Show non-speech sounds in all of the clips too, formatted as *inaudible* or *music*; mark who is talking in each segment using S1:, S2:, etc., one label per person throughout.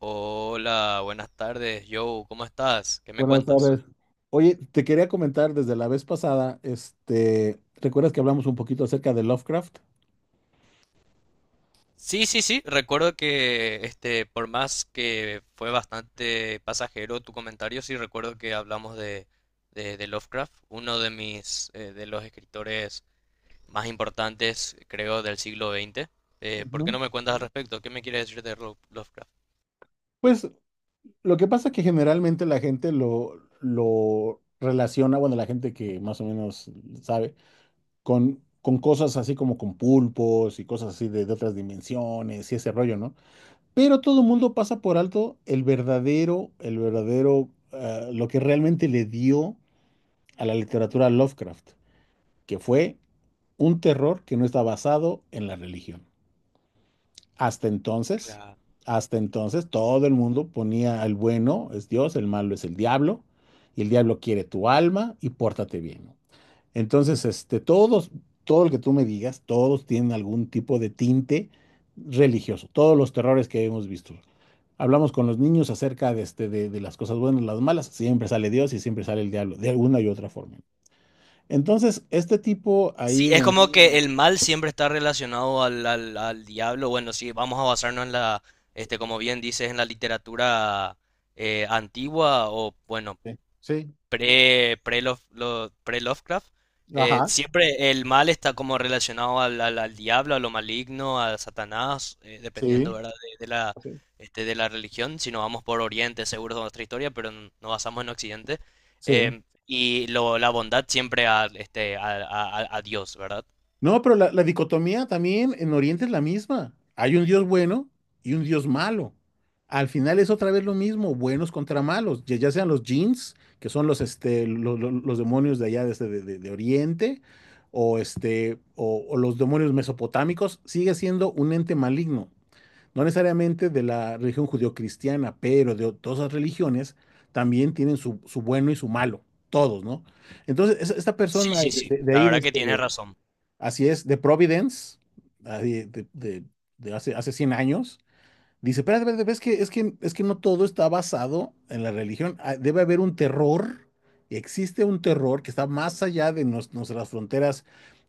S1: Hola, buenas tardes, Joe, ¿cómo estás? ¿Qué me
S2: Buenas
S1: cuentas?
S2: tardes. Oye, te quería comentar desde la vez pasada, ¿recuerdas que hablamos un poquito acerca de Lovecraft?
S1: Sí, sí, sí, recuerdo que este, por más que fue bastante pasajero tu comentario, sí recuerdo que hablamos de, de Lovecraft, uno de mis, de los escritores más importantes, creo, del siglo XX. ¿Por qué
S2: Ujú.
S1: no me cuentas al respecto? ¿Qué me quieres decir de Lovecraft?
S2: Pues lo que pasa es que generalmente la gente lo relaciona, bueno, la gente que más o menos sabe, con cosas así como con pulpos y cosas así de otras dimensiones y ese rollo, ¿no? Pero todo el mundo pasa por alto el verdadero, lo que realmente le dio a la literatura Lovecraft, que fue un terror que no está basado en la religión. Hasta entonces,
S1: Claro.
S2: hasta entonces todo el mundo ponía el bueno es Dios, el malo es el diablo, y el diablo quiere tu alma y pórtate bien, ¿no? Entonces, todo lo que tú me digas, todos tienen algún tipo de tinte religioso, todos los terrores que hemos visto. Hablamos con los niños acerca de, de las cosas buenas, las malas, siempre sale Dios y siempre sale el diablo, de alguna y otra forma. Entonces, este tipo
S1: Sí,
S2: ahí,
S1: es como que el mal siempre está relacionado al diablo. Bueno, sí, vamos a basarnos en la, este, como bien dices, en la literatura antigua o, bueno,
S2: sí,
S1: pre Lovecraft.
S2: ajá,
S1: Siempre el mal está como relacionado al diablo, a lo maligno, a Satanás, dependiendo,
S2: sí,
S1: ¿verdad? De la, este, de la religión. Si nos vamos por Oriente, seguro es nuestra historia, pero nos basamos en Occidente.
S2: sí.
S1: Em, y lo, la bondad siempre a, este, a Dios, ¿verdad?
S2: No, pero la dicotomía también en Oriente es la misma. Hay un Dios bueno y un Dios malo. Al final es otra vez lo mismo, buenos contra malos, ya, ya sean los jinns, que son los, este, los demonios de allá de, de Oriente, o, este, o los demonios mesopotámicos, sigue siendo un ente maligno. No necesariamente de la religión judeocristiana, pero de todas las religiones también tienen su, su bueno y su malo, todos, ¿no? Entonces, esta
S1: Sí,
S2: persona
S1: sí, sí,
S2: de, de
S1: la
S2: ahí, de,
S1: verdad que
S2: este,
S1: tienes
S2: de...
S1: razón.
S2: Así es, de Providence, ah, de, de hace, hace 100 años. Dice, pero es que no todo está basado en la religión. Ah, debe haber un terror, existe un terror que está más allá de nuestras fronteras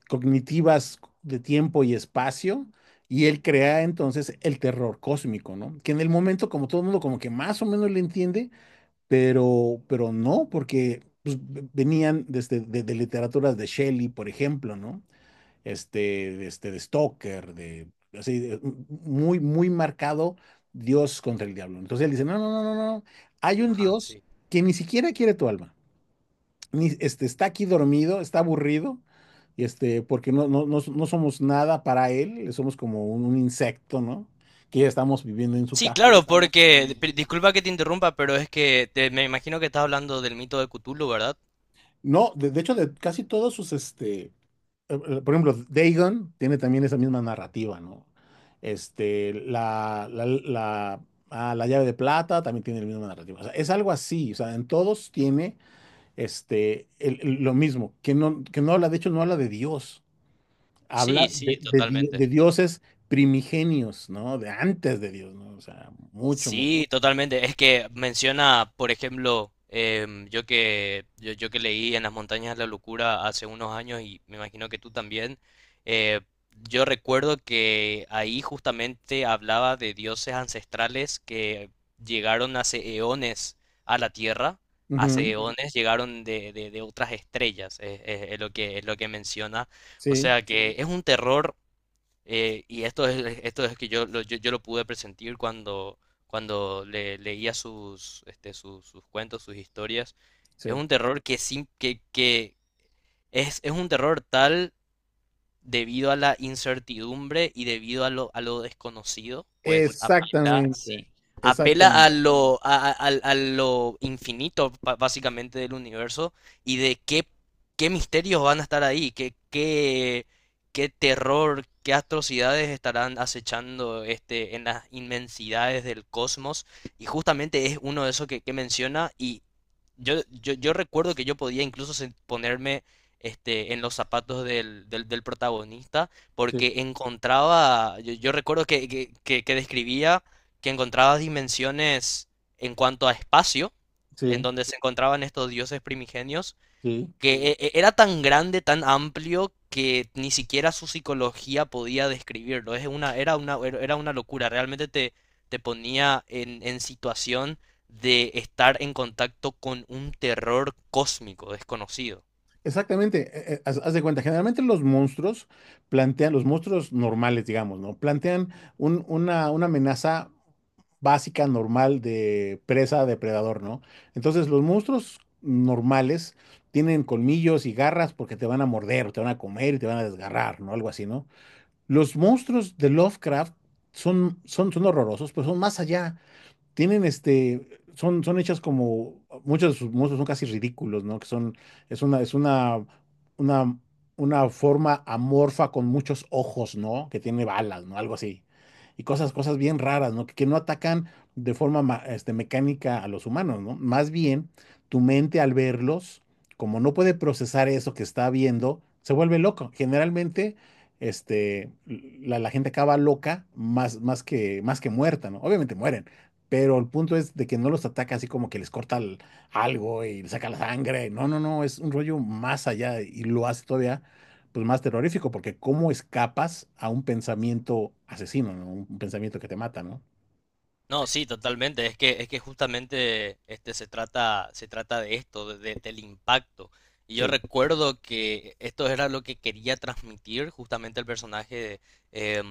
S2: cognitivas de tiempo y espacio, y él crea entonces el terror cósmico, ¿no? Que en el momento, como todo el mundo, como que más o menos le entiende, pero no, porque pues, venían desde, de literaturas de Shelley, por ejemplo, ¿no? De Stoker, de, así, muy, muy marcado Dios contra el diablo. Entonces él dice, no, no, no, no, no, no, hay un
S1: Ajá,
S2: Dios
S1: sí.
S2: que ni siquiera quiere tu alma, ni, este, está aquí dormido, está aburrido, y este, porque no, no, no, no somos nada para él, somos como un insecto, ¿no? Que ya estamos viviendo en su
S1: Sí,
S2: caja.
S1: claro, porque, disculpa que te interrumpa, pero es que me imagino que estás hablando del mito de Cthulhu, ¿verdad?
S2: No, de hecho, de casi todos sus, este, por ejemplo, Dagon tiene también esa misma narrativa, ¿no? Este, la ah, la llave de plata también tiene la misma narrativa. O sea, es algo así, o sea, en todos tiene este, lo mismo, que no habla, de hecho, no habla de Dios, habla
S1: Sí, sí,
S2: de, de
S1: totalmente.
S2: dioses primigenios, ¿no? De antes de Dios, ¿no? O sea, mucho, mucho.
S1: Sí, totalmente. Es que menciona, por ejemplo, em, yo que leí En las montañas de la locura hace unos años y me imagino que tú también, eh, yo recuerdo que ahí justamente hablaba de dioses ancestrales que llegaron hace eones a la Tierra, hace
S2: Ujú,
S1: Ujú. Eones llegaron de, de otras estrellas, es lo que menciona. O
S2: sí,
S1: sea que es un terror y esto es que yo lo pude presentir cuando, cuando leía sus, este, sus cuentos, sus historias. Es
S2: sí.
S1: un terror que, sin, que es un terror tal debido a la incertidumbre y debido a lo desconocido, pues apela
S2: Exactamente,
S1: apela a
S2: exactamente.
S1: lo, a lo infinito básicamente del universo y de qué, qué misterios van a estar ahí, qué, qué, qué terror, qué atrocidades estarán acechando este, en las inmensidades del cosmos. Y justamente es uno de esos que menciona y yo recuerdo que yo podía incluso ponerme... Este, en los zapatos del protagonista,
S2: Sí,
S1: porque encontraba, yo recuerdo que describía que encontraba dimensiones en cuanto a espacio, en
S2: sí,
S1: donde se encontraban estos dioses primigenios,
S2: sí.
S1: que era tan grande, tan amplio, que ni siquiera su psicología podía describirlo. Era una locura, realmente te, te ponía en situación de estar en contacto con un terror cósmico desconocido.
S2: Exactamente, haz, haz de cuenta, generalmente los monstruos plantean, los monstruos normales, digamos, ¿no? Plantean una amenaza básica, normal de presa, depredador, ¿no? Entonces los monstruos normales tienen colmillos y garras porque te van a morder, te van a comer y te van a desgarrar, ¿no? Algo así, ¿no? Los monstruos de Lovecraft son horrorosos, pero son más allá, tienen este, son, son hechas como, muchos de sus monstruos son casi ridículos, ¿no? Que son, es una, es una, una, una forma amorfa con muchos ojos, ¿no? Que tiene balas, ¿no? Algo así. Y cosas, cosas bien raras, ¿no? Que no atacan de forma mecánica a los humanos, ¿no? Más bien, tu mente al verlos, como no puede procesar eso que está viendo, se vuelve loco. Generalmente, este, la gente acaba loca más, más que muerta, ¿no? Obviamente mueren, pero el punto es de que no los ataca así como que les corta algo y les saca la sangre. No, no, no, es un rollo más allá y lo hace todavía pues más terrorífico porque cómo escapas a un pensamiento asesino, ¿no? Un pensamiento que te mata, ¿no?
S1: No, sí, totalmente. Es que justamente este se trata de esto, del impacto. Y yo
S2: Sí.
S1: recuerdo que esto era lo que quería transmitir justamente el personaje, eh,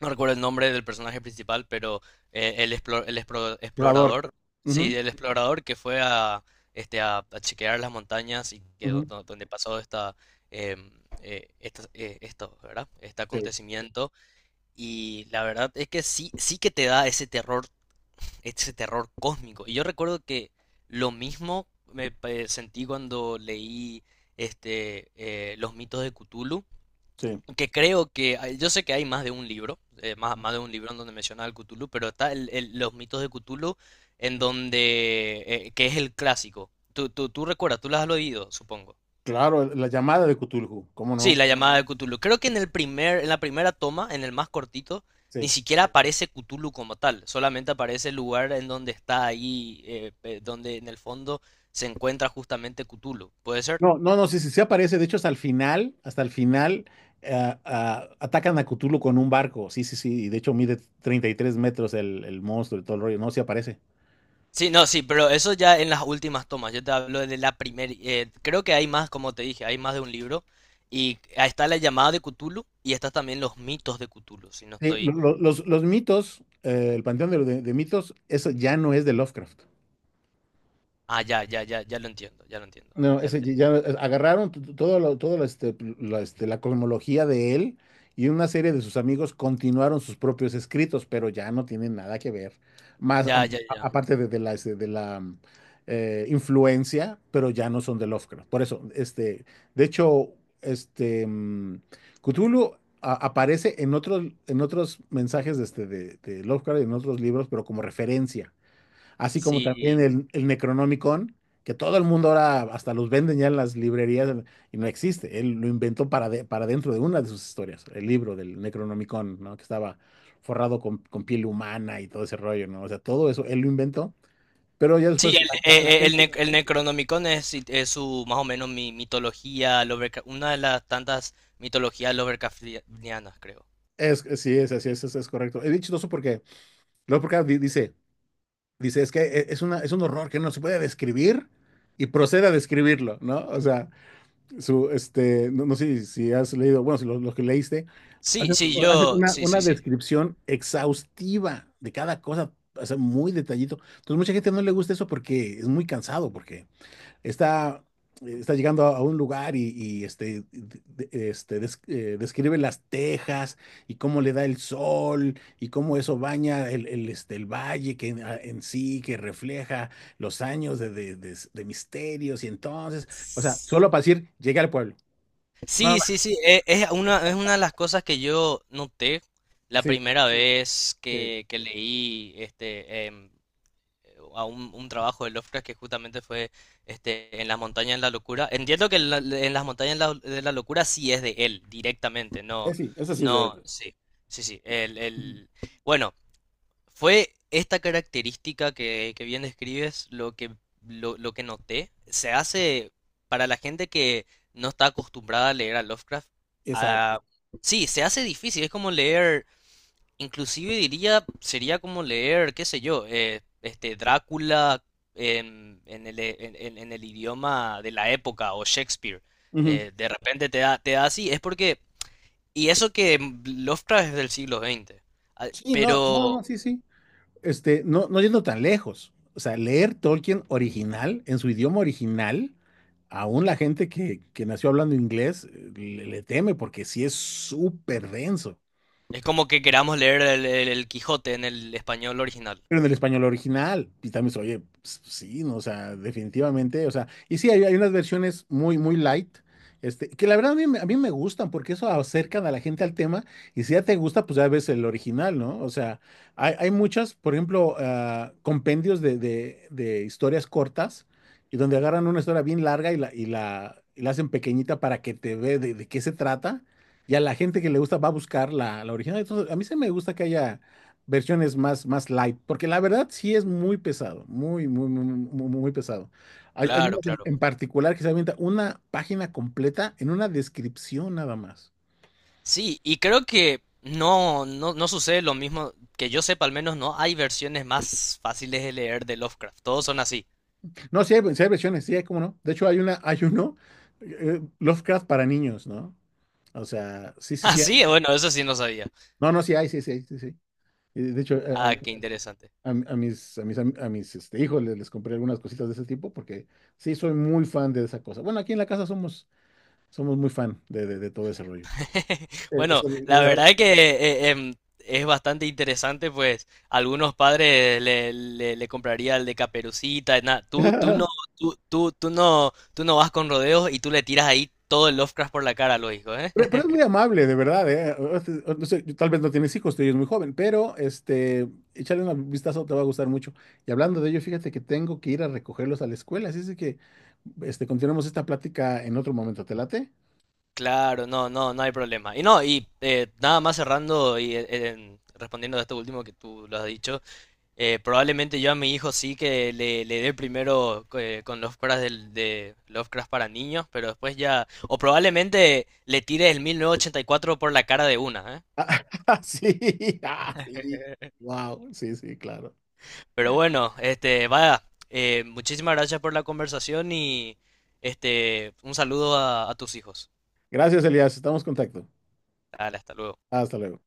S1: no recuerdo el nombre del personaje principal, pero el,
S2: Curador.
S1: explorador, sí,
S2: Ujú,
S1: el explorador que fue a, este, a chequear las montañas y que
S2: ujú,
S1: donde pasó esta, em, esto, ¿verdad? Este
S2: sí,
S1: acontecimiento. Y la verdad es que sí, sí que te da ese terror cósmico. Y yo recuerdo que lo mismo me sentí cuando leí este, Los mitos de Cthulhu,
S2: sí.
S1: que creo que, yo sé que hay más de un libro, más, más de un libro en donde menciona al Cthulhu, pero está Los mitos de Cthulhu, en donde, que es el clásico. Tú recuerdas, tú las has oído, supongo.
S2: Claro, la llamada de Cthulhu, ¿cómo
S1: Sí,
S2: no?
S1: la llamada de Cthulhu. Creo que en el primer, en la primera toma, en el más cortito, ni
S2: Sí.
S1: siquiera aparece Cthulhu como tal. Solamente aparece el lugar en donde está ahí, donde en el fondo se encuentra justamente Cthulhu. ¿Puede ser?
S2: No, no, no, sí, sí, sí aparece. De hecho, hasta el final, ah, ah, atacan a Cthulhu con un barco. Sí, sí, sí. Y de hecho, mide 33 metros el monstruo y todo el rollo. No, sí aparece.
S1: Sí, no, sí, pero eso ya en las últimas tomas. Yo te hablo de la primera. Creo que hay más, como te dije, hay más de un libro. Y ahí está la llamada de Cthulhu y están también los mitos de Cthulhu. Si no
S2: Sí,
S1: estoy.
S2: los mitos, el panteón de, de mitos, eso ya no es de Lovecraft.
S1: Ah, ya, ya, ya, ya lo entiendo, ya lo entiendo,
S2: No,
S1: ya lo
S2: ese
S1: entiendo.
S2: ya agarraron todo lo, este, la cosmología de él y una serie de sus amigos continuaron sus propios escritos, pero ya no tienen nada que ver. Más
S1: Ya, ya, ya.
S2: aparte de la, este, de la mm, influencia, pero ya no son de Lovecraft. Por eso, este, de hecho, este mm, Cthulhu aparece en otros mensajes de, este, de Lovecraft y en otros libros, pero como referencia así como
S1: Sí.
S2: también el Necronomicon, que todo el mundo ahora hasta los venden ya en las librerías y no existe. Él lo inventó para, para dentro de una de sus historias, el libro del Necronomicon, ¿no? Que estaba forrado con piel humana y todo ese rollo, ¿no? O sea, todo eso él lo inventó. Pero ya
S1: Sí,
S2: después la, la
S1: el,
S2: gente
S1: el Necronomicon es su, más o menos, mi mitología, una de las tantas mitologías Lovecraftianas, creo.
S2: es, sí, es así, es correcto. Es dicho eso porque luego porque dice, dice, es que es una, es un horror que no se puede describir y procede a describirlo, ¿no? O sea, su, este, no, no sé si has leído, bueno, si lo, lo que leíste, hace,
S1: Sí, sí, sí.
S2: hace
S1: Yo, sí, sí,
S2: una
S1: sí.
S2: descripción exhaustiva de cada cosa, o sea, muy detallito. Entonces, mucha gente no le gusta eso porque es muy cansado, porque está, está llegando a un lugar y, este, describe las tejas y cómo le da el sol y cómo eso baña el, este, el valle que en, en sí, que refleja los años de, de misterios y entonces, o sea,
S1: S-
S2: solo para decir, llegué al pueblo. No,
S1: Sí,
S2: no,
S1: sí, sí, es una de las cosas que yo noté la
S2: sí,
S1: primera vez
S2: sí,
S1: que leí este, em, a un trabajo de Lovecraft que justamente fue este, en las montañas de la locura. Entiendo que en, en las montañas de la locura sí es de él, directamente,
S2: eh,
S1: no,
S2: sí, eso sí es de
S1: no,
S2: él.
S1: sí, sí, sí.
S2: Ujú.
S1: Bueno, fue esta característica que bien describes lo que, lo que noté. Se hace para la gente que no está acostumbrada a leer a Lovecraft,
S2: Exacto.
S1: a- sí, se hace difícil, es como leer inclusive diría, sería como leer, qué sé yo, este Drácula en el, e, en el idioma de la época o Shakespeare.
S2: Ujú.
S1: De repente te da así, es porque, y eso que Lovecraft es del siglo XX, ah,
S2: Sí, no, no,
S1: pero
S2: no, sí, sí. Este, no, no yendo tan lejos. O sea, leer Tolkien original, en su idioma original, aún la gente que nació hablando inglés le, le teme porque sí es súper denso.
S1: es como que queramos leer el, el Quijote en el español original.
S2: Pero en el español original, y también se oye, pues, pues, sí, no, o sea, definitivamente, o sea, y sí, hay unas versiones muy, muy light, este, que la verdad a mí, a mí me gustan, porque eso acercan a la gente al tema, y si ya te gusta, pues ya ves el original, ¿no? O sea, hay muchas, por ejemplo, ah, compendios de, de historias cortas, y donde agarran una historia bien larga y la hacen pequeñita para que te ve de qué se trata, y a la gente que le gusta va a buscar la, la original, entonces a mí se me gusta que haya versiones más, más light, porque la verdad sí es muy pesado, muy, muy, muy, muy, muy pesado. Hay una
S1: Claro, claro.
S2: en particular que se avienta una página completa en una descripción nada más.
S1: Sí, y creo que no, no, no sucede lo mismo, que yo sepa al menos no hay versiones más fáciles de leer de Lovecraft, todos son así.
S2: No, sí hay versiones, sí hay, cómo no. De hecho, hay una, hay uno, Lovecraft para niños, ¿no? O sea, sí,
S1: *laughs*
S2: sí,
S1: Ah,
S2: sí
S1: sí,
S2: hay.
S1: bueno, eso sí no sabía.
S2: No, no, sí hay, sí, sí, hay, sí, sí. Y de hecho,
S1: Ah, qué interesante.
S2: a mis, a mis este, hijos les, les compré algunas cositas de ese tipo porque sí soy muy fan de esa cosa. Bueno, aquí en la casa somos, somos muy fan de, de todo ese rollo.
S1: *laughs* Bueno,
S2: Eso, la
S1: la
S2: verdad.
S1: verdad es que em, es bastante interesante, pues algunos padres le compraría el de Caperucita, tú, tú no,
S2: *laughs*
S1: tú no, tú no vas con rodeos y tú le tiras ahí todo el Lovecraft por la cara a los hijos, ¿eh?
S2: Pero es muy
S1: *laughs*
S2: amable, de verdad, ¿eh? No sé, tal vez no tienes hijos, tú eres muy joven, pero este, échale un vistazo, te va a gustar mucho. Y hablando de ello, fíjate que tengo que ir a recogerlos a la escuela, así es de que este, continuemos esta plática en otro momento, ¿te late?
S1: Claro, no, no, no hay problema. Y no, y nada más cerrando y respondiendo a esto último que tú lo has dicho, eh, probablemente yo a mi hijo sí que le dé primero con Lovecraft de Lovecraft para niños, pero después ya... O probablemente le tire el 1984 por la cara de una,
S2: *laughs* Sí, ah, sí,
S1: ¿eh? *laughs*
S2: wow, sí, sí, claro.
S1: Pero bueno, este, vaya, muchísimas gracias por la conversación y este, un saludo a tus hijos.
S2: Gracias, Elías, estamos en contacto.
S1: Dale, hasta luego.
S2: Hasta luego.